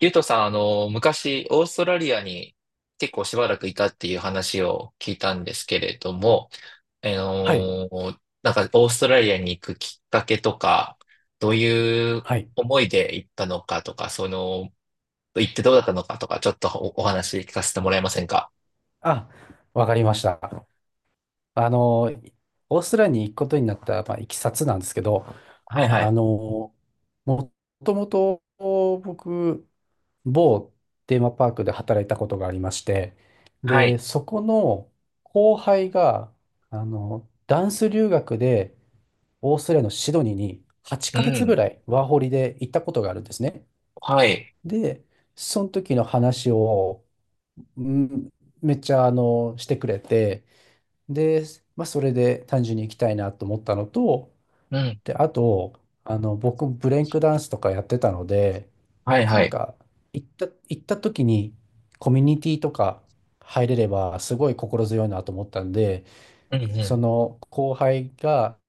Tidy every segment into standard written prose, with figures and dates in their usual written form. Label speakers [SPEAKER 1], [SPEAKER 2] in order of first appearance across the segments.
[SPEAKER 1] ゆうとさん、昔、オーストラリアに結構しばらくいたっていう話を聞いたんですけれども、
[SPEAKER 2] はい。
[SPEAKER 1] なんか、オーストラリアに行くきっかけとか、どういう
[SPEAKER 2] はい。
[SPEAKER 1] 思いで行ったのかとか、行ってどうだったのかとか、ちょっとお話聞かせてもらえませんか？
[SPEAKER 2] あ、わかりました。あの、オーストラリアに行くことになった、まあ、いきさつなんですけど、
[SPEAKER 1] はいは
[SPEAKER 2] あ
[SPEAKER 1] い。
[SPEAKER 2] の、もともと僕、某テーマパークで働いたことがありまして、
[SPEAKER 1] は
[SPEAKER 2] で、
[SPEAKER 1] い。
[SPEAKER 2] そこの後輩が、ダンス留学でオーストラリアのシドニーに8
[SPEAKER 1] う
[SPEAKER 2] ヶ月ぐ
[SPEAKER 1] ん。
[SPEAKER 2] らいワーホリで行ったことがあるんですね。
[SPEAKER 1] はい。
[SPEAKER 2] で、その時の話を、うん、めっちゃしてくれて、で、まあ、それで単純に行きたいなと思ったのと、
[SPEAKER 1] うん。
[SPEAKER 2] で、あと、僕、ブレイクダンスとかやってたので、
[SPEAKER 1] はい
[SPEAKER 2] な
[SPEAKER 1] は
[SPEAKER 2] ん
[SPEAKER 1] い。
[SPEAKER 2] か、行った時に、コミュニティとか入れれば、すごい心強いなと思ったんで、
[SPEAKER 1] うんう
[SPEAKER 2] そ
[SPEAKER 1] ん。
[SPEAKER 2] の後輩が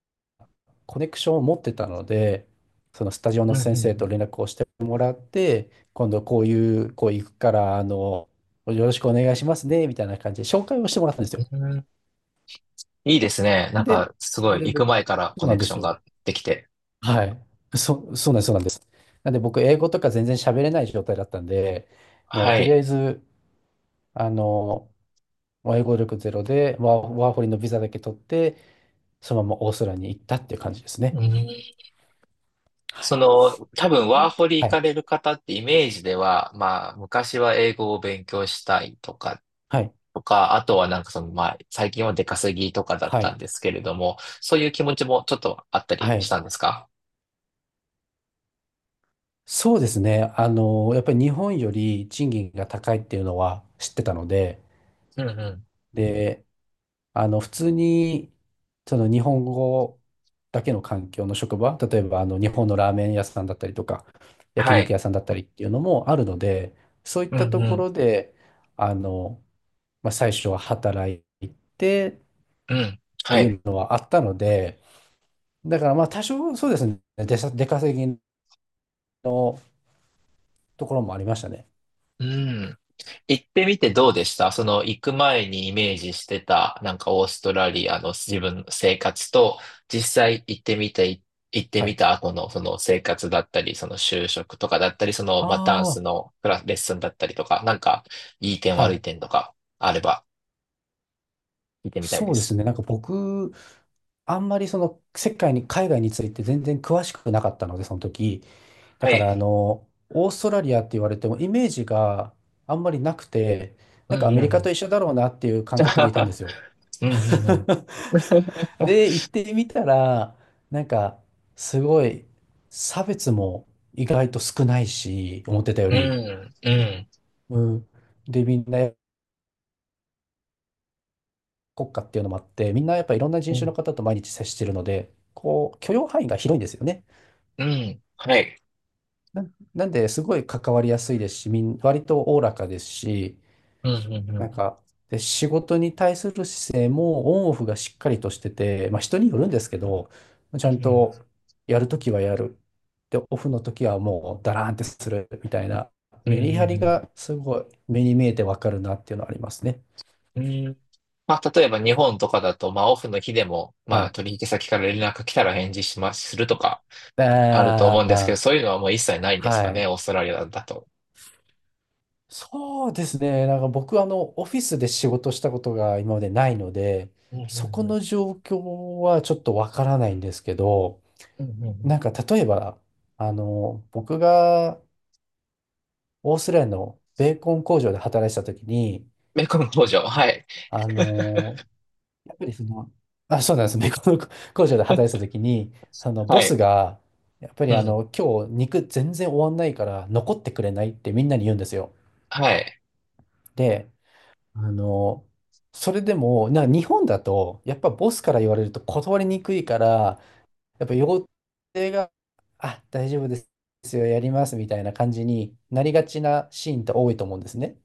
[SPEAKER 2] コネクションを持ってたので、そのスタジオ
[SPEAKER 1] う
[SPEAKER 2] の
[SPEAKER 1] ん
[SPEAKER 2] 先生と
[SPEAKER 1] う
[SPEAKER 2] 連絡をしてもらって、今度こういう、こう行くから、よろしくお願いしますね、みたいな感じで紹介をしてもらったんですよ。
[SPEAKER 1] ん。うん。いいですね。なん
[SPEAKER 2] で、
[SPEAKER 1] か、す
[SPEAKER 2] そ
[SPEAKER 1] ご
[SPEAKER 2] れ
[SPEAKER 1] い、
[SPEAKER 2] で
[SPEAKER 1] 行く
[SPEAKER 2] 僕、
[SPEAKER 1] 前から
[SPEAKER 2] そう
[SPEAKER 1] コ
[SPEAKER 2] な
[SPEAKER 1] ネ
[SPEAKER 2] ん
[SPEAKER 1] ク
[SPEAKER 2] で
[SPEAKER 1] ショ
[SPEAKER 2] す
[SPEAKER 1] ン
[SPEAKER 2] よ。
[SPEAKER 1] ができて。
[SPEAKER 2] はい。そうなんです、そうなんです。なんで僕、英語とか全然喋れない状態だったんで、もう
[SPEAKER 1] は
[SPEAKER 2] とりあ
[SPEAKER 1] い。
[SPEAKER 2] えず、あの、もう英語力ゼロで、ワーホリのビザだけ取って、そのままオーストラリアに行ったっていう感じですね。
[SPEAKER 1] うん。
[SPEAKER 2] はい。
[SPEAKER 1] 多分ワーホリ行かれる方ってイメージでは、まあ、昔は英語を勉強したいとか、
[SPEAKER 2] はい。
[SPEAKER 1] あとはなんかまあ、最近は出稼ぎとかだっ
[SPEAKER 2] は
[SPEAKER 1] た
[SPEAKER 2] い。
[SPEAKER 1] んですけれども、そういう気持ちもちょっとあったり
[SPEAKER 2] は
[SPEAKER 1] し
[SPEAKER 2] い。
[SPEAKER 1] たんですか？
[SPEAKER 2] そうですね。やっぱり日本より賃金が高いっていうのは知ってたので、
[SPEAKER 1] うんうん。
[SPEAKER 2] で、普通に、その日本語だけの環境の職場、例えば日本のラーメン屋さんだったりとか、焼
[SPEAKER 1] は
[SPEAKER 2] 肉
[SPEAKER 1] い。
[SPEAKER 2] 屋さんだったりっていうのもあるので、そういっ
[SPEAKER 1] う
[SPEAKER 2] た
[SPEAKER 1] ん
[SPEAKER 2] と
[SPEAKER 1] う
[SPEAKER 2] こ
[SPEAKER 1] ん。
[SPEAKER 2] ろで、あの、まあ、最初は働いてっ
[SPEAKER 1] うん。
[SPEAKER 2] て
[SPEAKER 1] は
[SPEAKER 2] い
[SPEAKER 1] い。
[SPEAKER 2] うのはあったので、だからまあ多少そうですね、出稼ぎのところもありましたね。
[SPEAKER 1] うん。行ってみてどうでした？その行く前にイメージしてた、なんかオーストラリアの自分の生活と、実際行ってみて、行って
[SPEAKER 2] は
[SPEAKER 1] み
[SPEAKER 2] い。
[SPEAKER 1] た後のその生活だったり、その就職とかだったり、その、
[SPEAKER 2] あ
[SPEAKER 1] まあ、ダンス
[SPEAKER 2] あ、
[SPEAKER 1] のクラス、レッスンだったりとか、なんか、いい点
[SPEAKER 2] は
[SPEAKER 1] 悪い
[SPEAKER 2] い。
[SPEAKER 1] 点とかあれば聞いてみたい
[SPEAKER 2] そ
[SPEAKER 1] で
[SPEAKER 2] うです
[SPEAKER 1] す。
[SPEAKER 2] ね。なんか僕、あんまりその世界に、海外について全然詳しくなかったので、その時。だ
[SPEAKER 1] は
[SPEAKER 2] か
[SPEAKER 1] い。
[SPEAKER 2] らオーストラリアって言われてもイメージがあんまりなくて、
[SPEAKER 1] う
[SPEAKER 2] なんかア
[SPEAKER 1] ん
[SPEAKER 2] メ
[SPEAKER 1] う
[SPEAKER 2] リカと
[SPEAKER 1] ん。
[SPEAKER 2] 一緒だろうなっていう感覚でいたんで すよ。
[SPEAKER 1] うんうんうん。
[SPEAKER 2] で、行ってみたら、なんかすごい差別も意外と少ないし、思ってたよ
[SPEAKER 1] う
[SPEAKER 2] り。
[SPEAKER 1] ん、うん、
[SPEAKER 2] うん。で、みんな国家っていうのもあって、みんなやっぱいろんな人
[SPEAKER 1] う
[SPEAKER 2] 種の
[SPEAKER 1] ん、
[SPEAKER 2] 方と毎日接してるので、こう許容範囲が広いんですよね。
[SPEAKER 1] うん、はい。
[SPEAKER 2] な、なんで、すごい関わりやすいですし、割とおおらかですし、
[SPEAKER 1] うん、うん、う
[SPEAKER 2] なん
[SPEAKER 1] ん、
[SPEAKER 2] か、で、仕事に対する姿勢もオンオフがしっかりとしてて、まあ人によるんですけど、ち
[SPEAKER 1] う
[SPEAKER 2] ゃん
[SPEAKER 1] ん、
[SPEAKER 2] とやるときはやる。で、オフのときはもうダラーンってするみたいな、
[SPEAKER 1] うん、
[SPEAKER 2] メ
[SPEAKER 1] う
[SPEAKER 2] リハリ
[SPEAKER 1] ん、
[SPEAKER 2] がすごい目に見えてわかるなっていうのはありますね。
[SPEAKER 1] うん、うん、まあ、例えば日本とかだと、まあ、オフの日でも、
[SPEAKER 2] は
[SPEAKER 1] まあ、
[SPEAKER 2] い。
[SPEAKER 1] 取引先から連絡来たら返事します、するとかあると思う
[SPEAKER 2] あ
[SPEAKER 1] んですけど、
[SPEAKER 2] あ、
[SPEAKER 1] そういうのはもう一切ないんです
[SPEAKER 2] は
[SPEAKER 1] かね、
[SPEAKER 2] い。
[SPEAKER 1] オーストラリアだと？
[SPEAKER 2] そうですね。なんか僕、オフィスで仕事したことが今までないので、
[SPEAKER 1] うんう
[SPEAKER 2] そこ
[SPEAKER 1] んうん。
[SPEAKER 2] の状況はちょっとわからないんですけど、
[SPEAKER 1] うんうんうん。
[SPEAKER 2] なんか例えば、僕がオーストラリアのベーコン工場で働いてた時に、
[SPEAKER 1] メコン工場、はい。
[SPEAKER 2] あの、やっぱりその、あ、そうなんです。ベーコン工場で働いてた時に、
[SPEAKER 1] は
[SPEAKER 2] ボス
[SPEAKER 1] い。
[SPEAKER 2] が、やっぱ
[SPEAKER 1] う
[SPEAKER 2] り
[SPEAKER 1] ん。
[SPEAKER 2] 今日肉全然終わんないから残ってくれないってみんなに言うんですよ。
[SPEAKER 1] はい。
[SPEAKER 2] で、あの、それでも、日本だと、やっぱボスから言われると断りにくいから、やっぱ予定が、あ、大丈夫ですよ、やりますみたいな感じになりがちなシーンって多いと思うんですね。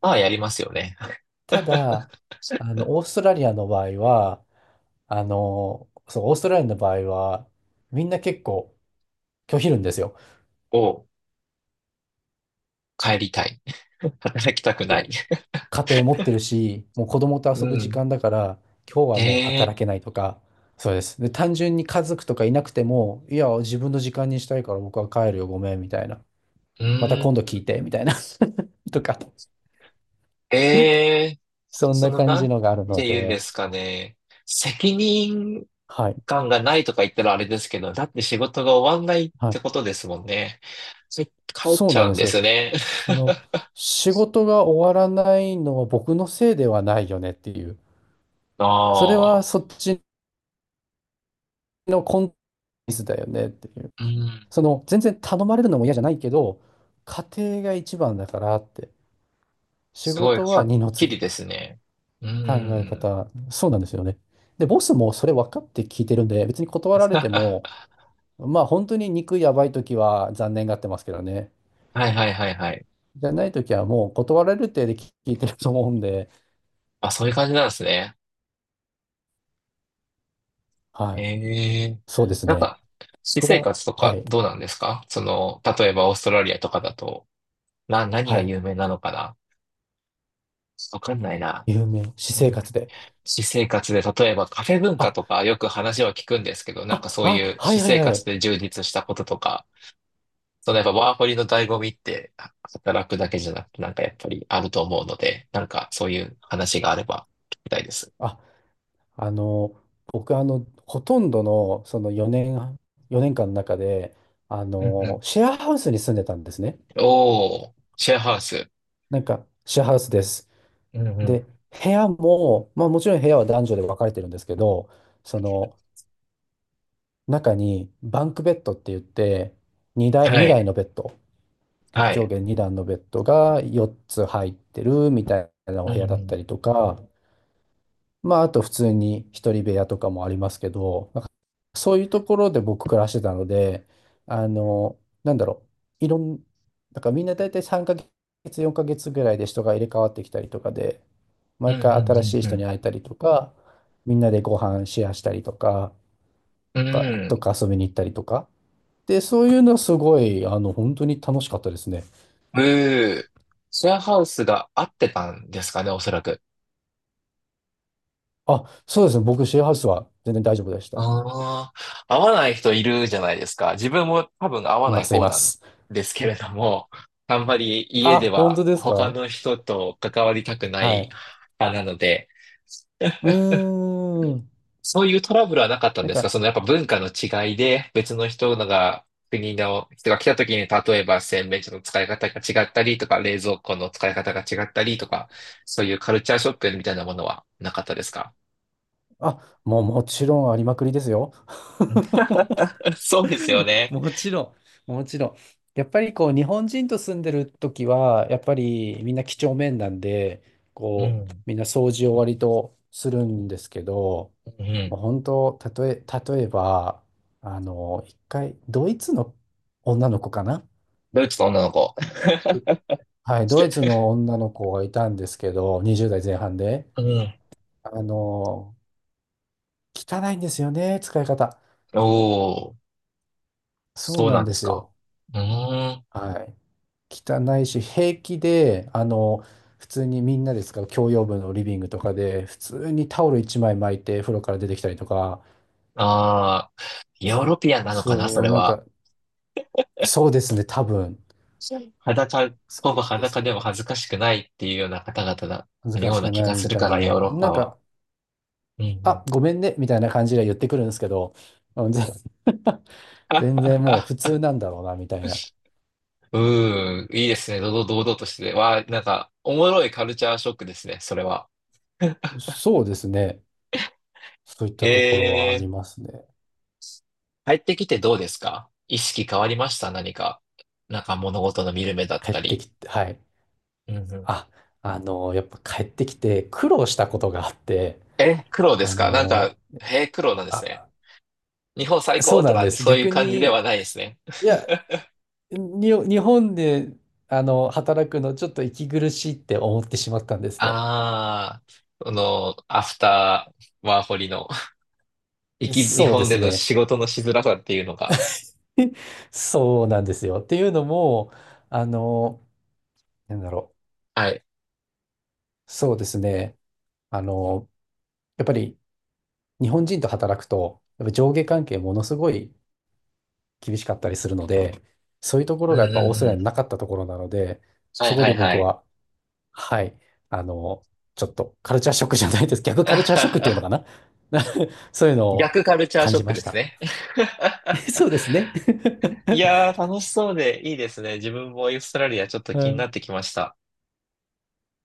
[SPEAKER 1] まあ、やりますよね。
[SPEAKER 2] ただ、オーストラリアの場合は、そう、オーストラリアの場合は、みんな結構拒否るんですよ。
[SPEAKER 1] を帰りたい。働きたくない。
[SPEAKER 2] 家庭持ってるし、もう子供と
[SPEAKER 1] う
[SPEAKER 2] 遊ぶ時
[SPEAKER 1] ん。
[SPEAKER 2] 間だから、今日はもう働
[SPEAKER 1] え
[SPEAKER 2] け
[SPEAKER 1] え
[SPEAKER 2] ないとか、そうです。で、単純に家族とかいなくても、いや、自分の時間にしたいから僕は帰るよ、ごめん、みたいな。また
[SPEAKER 1] ー。
[SPEAKER 2] 今度
[SPEAKER 1] うん。
[SPEAKER 2] 聞いて、みたいな。とか。
[SPEAKER 1] ええー。
[SPEAKER 2] そん
[SPEAKER 1] そ
[SPEAKER 2] な
[SPEAKER 1] の、
[SPEAKER 2] 感
[SPEAKER 1] なん
[SPEAKER 2] じのがあるの
[SPEAKER 1] て言うんで
[SPEAKER 2] で、
[SPEAKER 1] すかね。責任
[SPEAKER 2] はい、
[SPEAKER 1] 間がないとか言ったらあれですけど、だって仕事が終わんないっ
[SPEAKER 2] は
[SPEAKER 1] て
[SPEAKER 2] い、
[SPEAKER 1] ことですもんね。それ帰っ
[SPEAKER 2] そう
[SPEAKER 1] ちゃ
[SPEAKER 2] なん
[SPEAKER 1] う
[SPEAKER 2] で
[SPEAKER 1] ん
[SPEAKER 2] す
[SPEAKER 1] で
[SPEAKER 2] よ。
[SPEAKER 1] すね。
[SPEAKER 2] その、仕事が終わらないのは僕のせいではないよねっていう、それ
[SPEAKER 1] あ
[SPEAKER 2] は
[SPEAKER 1] あ、
[SPEAKER 2] そっちのコンテンツだよねっていう、
[SPEAKER 1] うん。
[SPEAKER 2] 全然頼まれるのも嫌じゃないけど、家庭が一番だからって、仕
[SPEAKER 1] すごい
[SPEAKER 2] 事
[SPEAKER 1] は
[SPEAKER 2] は
[SPEAKER 1] っ
[SPEAKER 2] 二の
[SPEAKER 1] き
[SPEAKER 2] 次っ
[SPEAKER 1] りで
[SPEAKER 2] て
[SPEAKER 1] すね。う
[SPEAKER 2] 考え
[SPEAKER 1] ん。
[SPEAKER 2] 方、そうなんですよね。で、ボスもそれ分かって聞いてるんで、別に断ら れて
[SPEAKER 1] は
[SPEAKER 2] も、まあ本当に肉やばい時は残念がってますけどね。
[SPEAKER 1] いはいはいはい。
[SPEAKER 2] じゃないときはもう断られるってで聞いてると思うんで、
[SPEAKER 1] あ、そういう感じなんですね。
[SPEAKER 2] はい。
[SPEAKER 1] ええ。
[SPEAKER 2] そうです
[SPEAKER 1] なん
[SPEAKER 2] ね。
[SPEAKER 1] か、私
[SPEAKER 2] 僕
[SPEAKER 1] 生
[SPEAKER 2] が、
[SPEAKER 1] 活と
[SPEAKER 2] は
[SPEAKER 1] か
[SPEAKER 2] い。
[SPEAKER 1] どうなんですかその？例えばオーストラリアとかだと、何
[SPEAKER 2] は
[SPEAKER 1] が
[SPEAKER 2] い。
[SPEAKER 1] 有名なのかな？わかんないな。
[SPEAKER 2] 有名、私生活で。
[SPEAKER 1] 私生活で、例えばカフェ文化
[SPEAKER 2] あ、
[SPEAKER 1] とかよく話は聞くんですけど、なんか
[SPEAKER 2] あ、
[SPEAKER 1] そうい
[SPEAKER 2] あ、
[SPEAKER 1] う
[SPEAKER 2] は
[SPEAKER 1] 私
[SPEAKER 2] いはい
[SPEAKER 1] 生
[SPEAKER 2] は
[SPEAKER 1] 活
[SPEAKER 2] い。
[SPEAKER 1] で充実したこととか、そのやっぱワーホリの醍醐味って働くだけじゃなくてなんかやっぱりあると思うので、なんかそういう話があれば聞きたいです。
[SPEAKER 2] あ、あの、僕ほとんどのその4年間の中で、
[SPEAKER 1] うんうん。
[SPEAKER 2] シェアハウスに住んでたんですね。
[SPEAKER 1] おー、シェアハウス。
[SPEAKER 2] なんか、シェアハウスです。
[SPEAKER 1] うんうん。
[SPEAKER 2] で、部屋も、まあもちろん部屋は男女で分かれてるんですけど、その中にバンクベッドって言って、2台、
[SPEAKER 1] はい。
[SPEAKER 2] 2台のベッド。
[SPEAKER 1] は
[SPEAKER 2] 上
[SPEAKER 1] い。
[SPEAKER 2] 下2段のベッドが4つ入ってるみたいなお
[SPEAKER 1] う
[SPEAKER 2] 部
[SPEAKER 1] んう
[SPEAKER 2] 屋だった
[SPEAKER 1] ん。
[SPEAKER 2] りとか、まあ、あと普通に一人部屋とかもありますけど、なんかそういうところで僕暮らしてたので、あの、なんだろう、いろん、なんかみんな大体3ヶ月、4ヶ月ぐらいで人が入れ替わってきたりとかで、
[SPEAKER 1] う
[SPEAKER 2] 毎
[SPEAKER 1] んうん
[SPEAKER 2] 回
[SPEAKER 1] う
[SPEAKER 2] 新
[SPEAKER 1] ん
[SPEAKER 2] しい
[SPEAKER 1] う
[SPEAKER 2] 人
[SPEAKER 1] ん。
[SPEAKER 2] に会えたりとか、みんなでご飯シェアしたりとか、
[SPEAKER 1] うん。
[SPEAKER 2] とか遊びに行ったりとか。で、そういうのはすごい、本当に楽しかったですね。
[SPEAKER 1] うー。シェアハウスが合ってたんですかね、おそらく。
[SPEAKER 2] あ、そうですね。僕、シェアハウスは全然大丈夫でした。
[SPEAKER 1] ああ、合わない人いるじゃないですか。自分も多分合わ
[SPEAKER 2] い
[SPEAKER 1] な
[SPEAKER 2] ま
[SPEAKER 1] い
[SPEAKER 2] す、い
[SPEAKER 1] 方
[SPEAKER 2] ま
[SPEAKER 1] なん
[SPEAKER 2] す。
[SPEAKER 1] ですけ れども、あんまり家
[SPEAKER 2] あ、
[SPEAKER 1] で
[SPEAKER 2] 本
[SPEAKER 1] は
[SPEAKER 2] 当です
[SPEAKER 1] 他
[SPEAKER 2] か？
[SPEAKER 1] の人と関わりたくな
[SPEAKER 2] は
[SPEAKER 1] い
[SPEAKER 2] い。
[SPEAKER 1] 派なので、
[SPEAKER 2] うーん。
[SPEAKER 1] そういうトラブルはなかったん
[SPEAKER 2] なん
[SPEAKER 1] ですか？
[SPEAKER 2] か、
[SPEAKER 1] そのやっぱ文化の違いで別の人のが、国の人が来た時に例えば洗面所の使い方が違ったりとか、冷蔵庫の使い方が違ったりとか、そういうカルチャーショックみたいなものはなかったですか？
[SPEAKER 2] あ、もうもちろんありまくりですよ。
[SPEAKER 1] うん。 そうですよ ね。
[SPEAKER 2] もちろん、もちろん。やっぱりこう、日本人と住んでる時は、やっぱりみんな几帳面なんで、
[SPEAKER 1] う
[SPEAKER 2] こう、
[SPEAKER 1] ん。
[SPEAKER 2] みんな掃除を割とするんですけど、
[SPEAKER 1] う
[SPEAKER 2] も
[SPEAKER 1] ん。
[SPEAKER 2] う本当、たとえ、例えば、一回、ドイツの女の子かな。
[SPEAKER 1] ドイツの女の子。
[SPEAKER 2] はい、ドイツの女の子がいたんですけど、20代前半で。
[SPEAKER 1] うん。
[SPEAKER 2] あの、汚いんですよね、使い方。
[SPEAKER 1] おー、
[SPEAKER 2] そう
[SPEAKER 1] そう
[SPEAKER 2] な
[SPEAKER 1] な
[SPEAKER 2] ん
[SPEAKER 1] ん
[SPEAKER 2] で
[SPEAKER 1] です
[SPEAKER 2] す
[SPEAKER 1] か。
[SPEAKER 2] よ。
[SPEAKER 1] うーん。
[SPEAKER 2] はい。汚いし、平気で、普通にみんなで使う共用部のリビングとかで、普通にタオル1枚巻いて風呂から出てきたりとか、
[SPEAKER 1] ああ、ヨーロピアンなのかな、そ
[SPEAKER 2] そう、
[SPEAKER 1] れ
[SPEAKER 2] なん
[SPEAKER 1] は。
[SPEAKER 2] か、そうですね、多分。
[SPEAKER 1] 裸、
[SPEAKER 2] そ
[SPEAKER 1] ほ
[SPEAKER 2] う
[SPEAKER 1] ぼ
[SPEAKER 2] なんです
[SPEAKER 1] 裸でも
[SPEAKER 2] よ。
[SPEAKER 1] 恥ずかしくないっていうような方々なの
[SPEAKER 2] 難
[SPEAKER 1] よ
[SPEAKER 2] し
[SPEAKER 1] うな
[SPEAKER 2] く
[SPEAKER 1] 気
[SPEAKER 2] な
[SPEAKER 1] が
[SPEAKER 2] い
[SPEAKER 1] す
[SPEAKER 2] み
[SPEAKER 1] る
[SPEAKER 2] た
[SPEAKER 1] か
[SPEAKER 2] い
[SPEAKER 1] ら、
[SPEAKER 2] な。
[SPEAKER 1] ヨーロッパ
[SPEAKER 2] なん
[SPEAKER 1] は。
[SPEAKER 2] か、
[SPEAKER 1] うんう
[SPEAKER 2] あ、
[SPEAKER 1] ん。
[SPEAKER 2] ごめんね、みたいな感じで言ってくるんですけど、うんぜ 全然もう普 通なんだろうな、みたいな。
[SPEAKER 1] うーん、いいですね。堂々、堂々としてて。わあ、なんか、おもろいカルチャーショックですね、それは。
[SPEAKER 2] そうですね。そういっ
[SPEAKER 1] へ
[SPEAKER 2] たところはあ
[SPEAKER 1] え、
[SPEAKER 2] りますね。
[SPEAKER 1] 帰ってきてどうですか？意識変わりました？何か。なんか物事の見る目だっ
[SPEAKER 2] 帰っ
[SPEAKER 1] た
[SPEAKER 2] て
[SPEAKER 1] り。
[SPEAKER 2] きて、はい。あ、やっぱ帰ってきて苦労したことがあって、
[SPEAKER 1] え、苦労です
[SPEAKER 2] あ
[SPEAKER 1] か？なんか、
[SPEAKER 2] の、
[SPEAKER 1] へえ、苦労なんですね。
[SPEAKER 2] あ、
[SPEAKER 1] 日本最
[SPEAKER 2] そう
[SPEAKER 1] 高と
[SPEAKER 2] なん
[SPEAKER 1] か、
[SPEAKER 2] です。
[SPEAKER 1] そういう
[SPEAKER 2] 逆
[SPEAKER 1] 感じで
[SPEAKER 2] に、
[SPEAKER 1] はないですね。
[SPEAKER 2] いや、日本で、働くのちょっと息苦しいって思ってしまったんですね。
[SPEAKER 1] ああ、その、アフターワーホリの、日
[SPEAKER 2] そうで
[SPEAKER 1] 本で
[SPEAKER 2] す
[SPEAKER 1] の
[SPEAKER 2] ね。
[SPEAKER 1] 仕事のしづらさっていうのが。
[SPEAKER 2] そうなんですよ。っていうのも、あの、なんだろ
[SPEAKER 1] はい。
[SPEAKER 2] う。そうですね。あの、やっぱり日本人と働くと、やっぱ上下関係ものすごい厳しかったりするので、そういうところ
[SPEAKER 1] う
[SPEAKER 2] が
[SPEAKER 1] ん
[SPEAKER 2] やっぱ
[SPEAKER 1] う
[SPEAKER 2] オー
[SPEAKER 1] ん
[SPEAKER 2] スト
[SPEAKER 1] う
[SPEAKER 2] ラリアにな
[SPEAKER 1] ん。
[SPEAKER 2] かったところなので、
[SPEAKER 1] は
[SPEAKER 2] そ
[SPEAKER 1] い
[SPEAKER 2] こ
[SPEAKER 1] は
[SPEAKER 2] で
[SPEAKER 1] いは
[SPEAKER 2] 僕
[SPEAKER 1] い。
[SPEAKER 2] は、はい、あの、ちょっとカルチャーショックじゃないです。逆カルチャーショックっていうの かな？ そういうのを
[SPEAKER 1] 逆カルチャー
[SPEAKER 2] 感
[SPEAKER 1] ショッ
[SPEAKER 2] じ
[SPEAKER 1] ク
[SPEAKER 2] ま
[SPEAKER 1] で
[SPEAKER 2] し
[SPEAKER 1] す
[SPEAKER 2] た。
[SPEAKER 1] ね。
[SPEAKER 2] そうですね。
[SPEAKER 1] い やー、楽しそうでいいですね。自分もオーストラリアちょっと
[SPEAKER 2] う
[SPEAKER 1] 気になっ
[SPEAKER 2] ん。
[SPEAKER 1] てきました。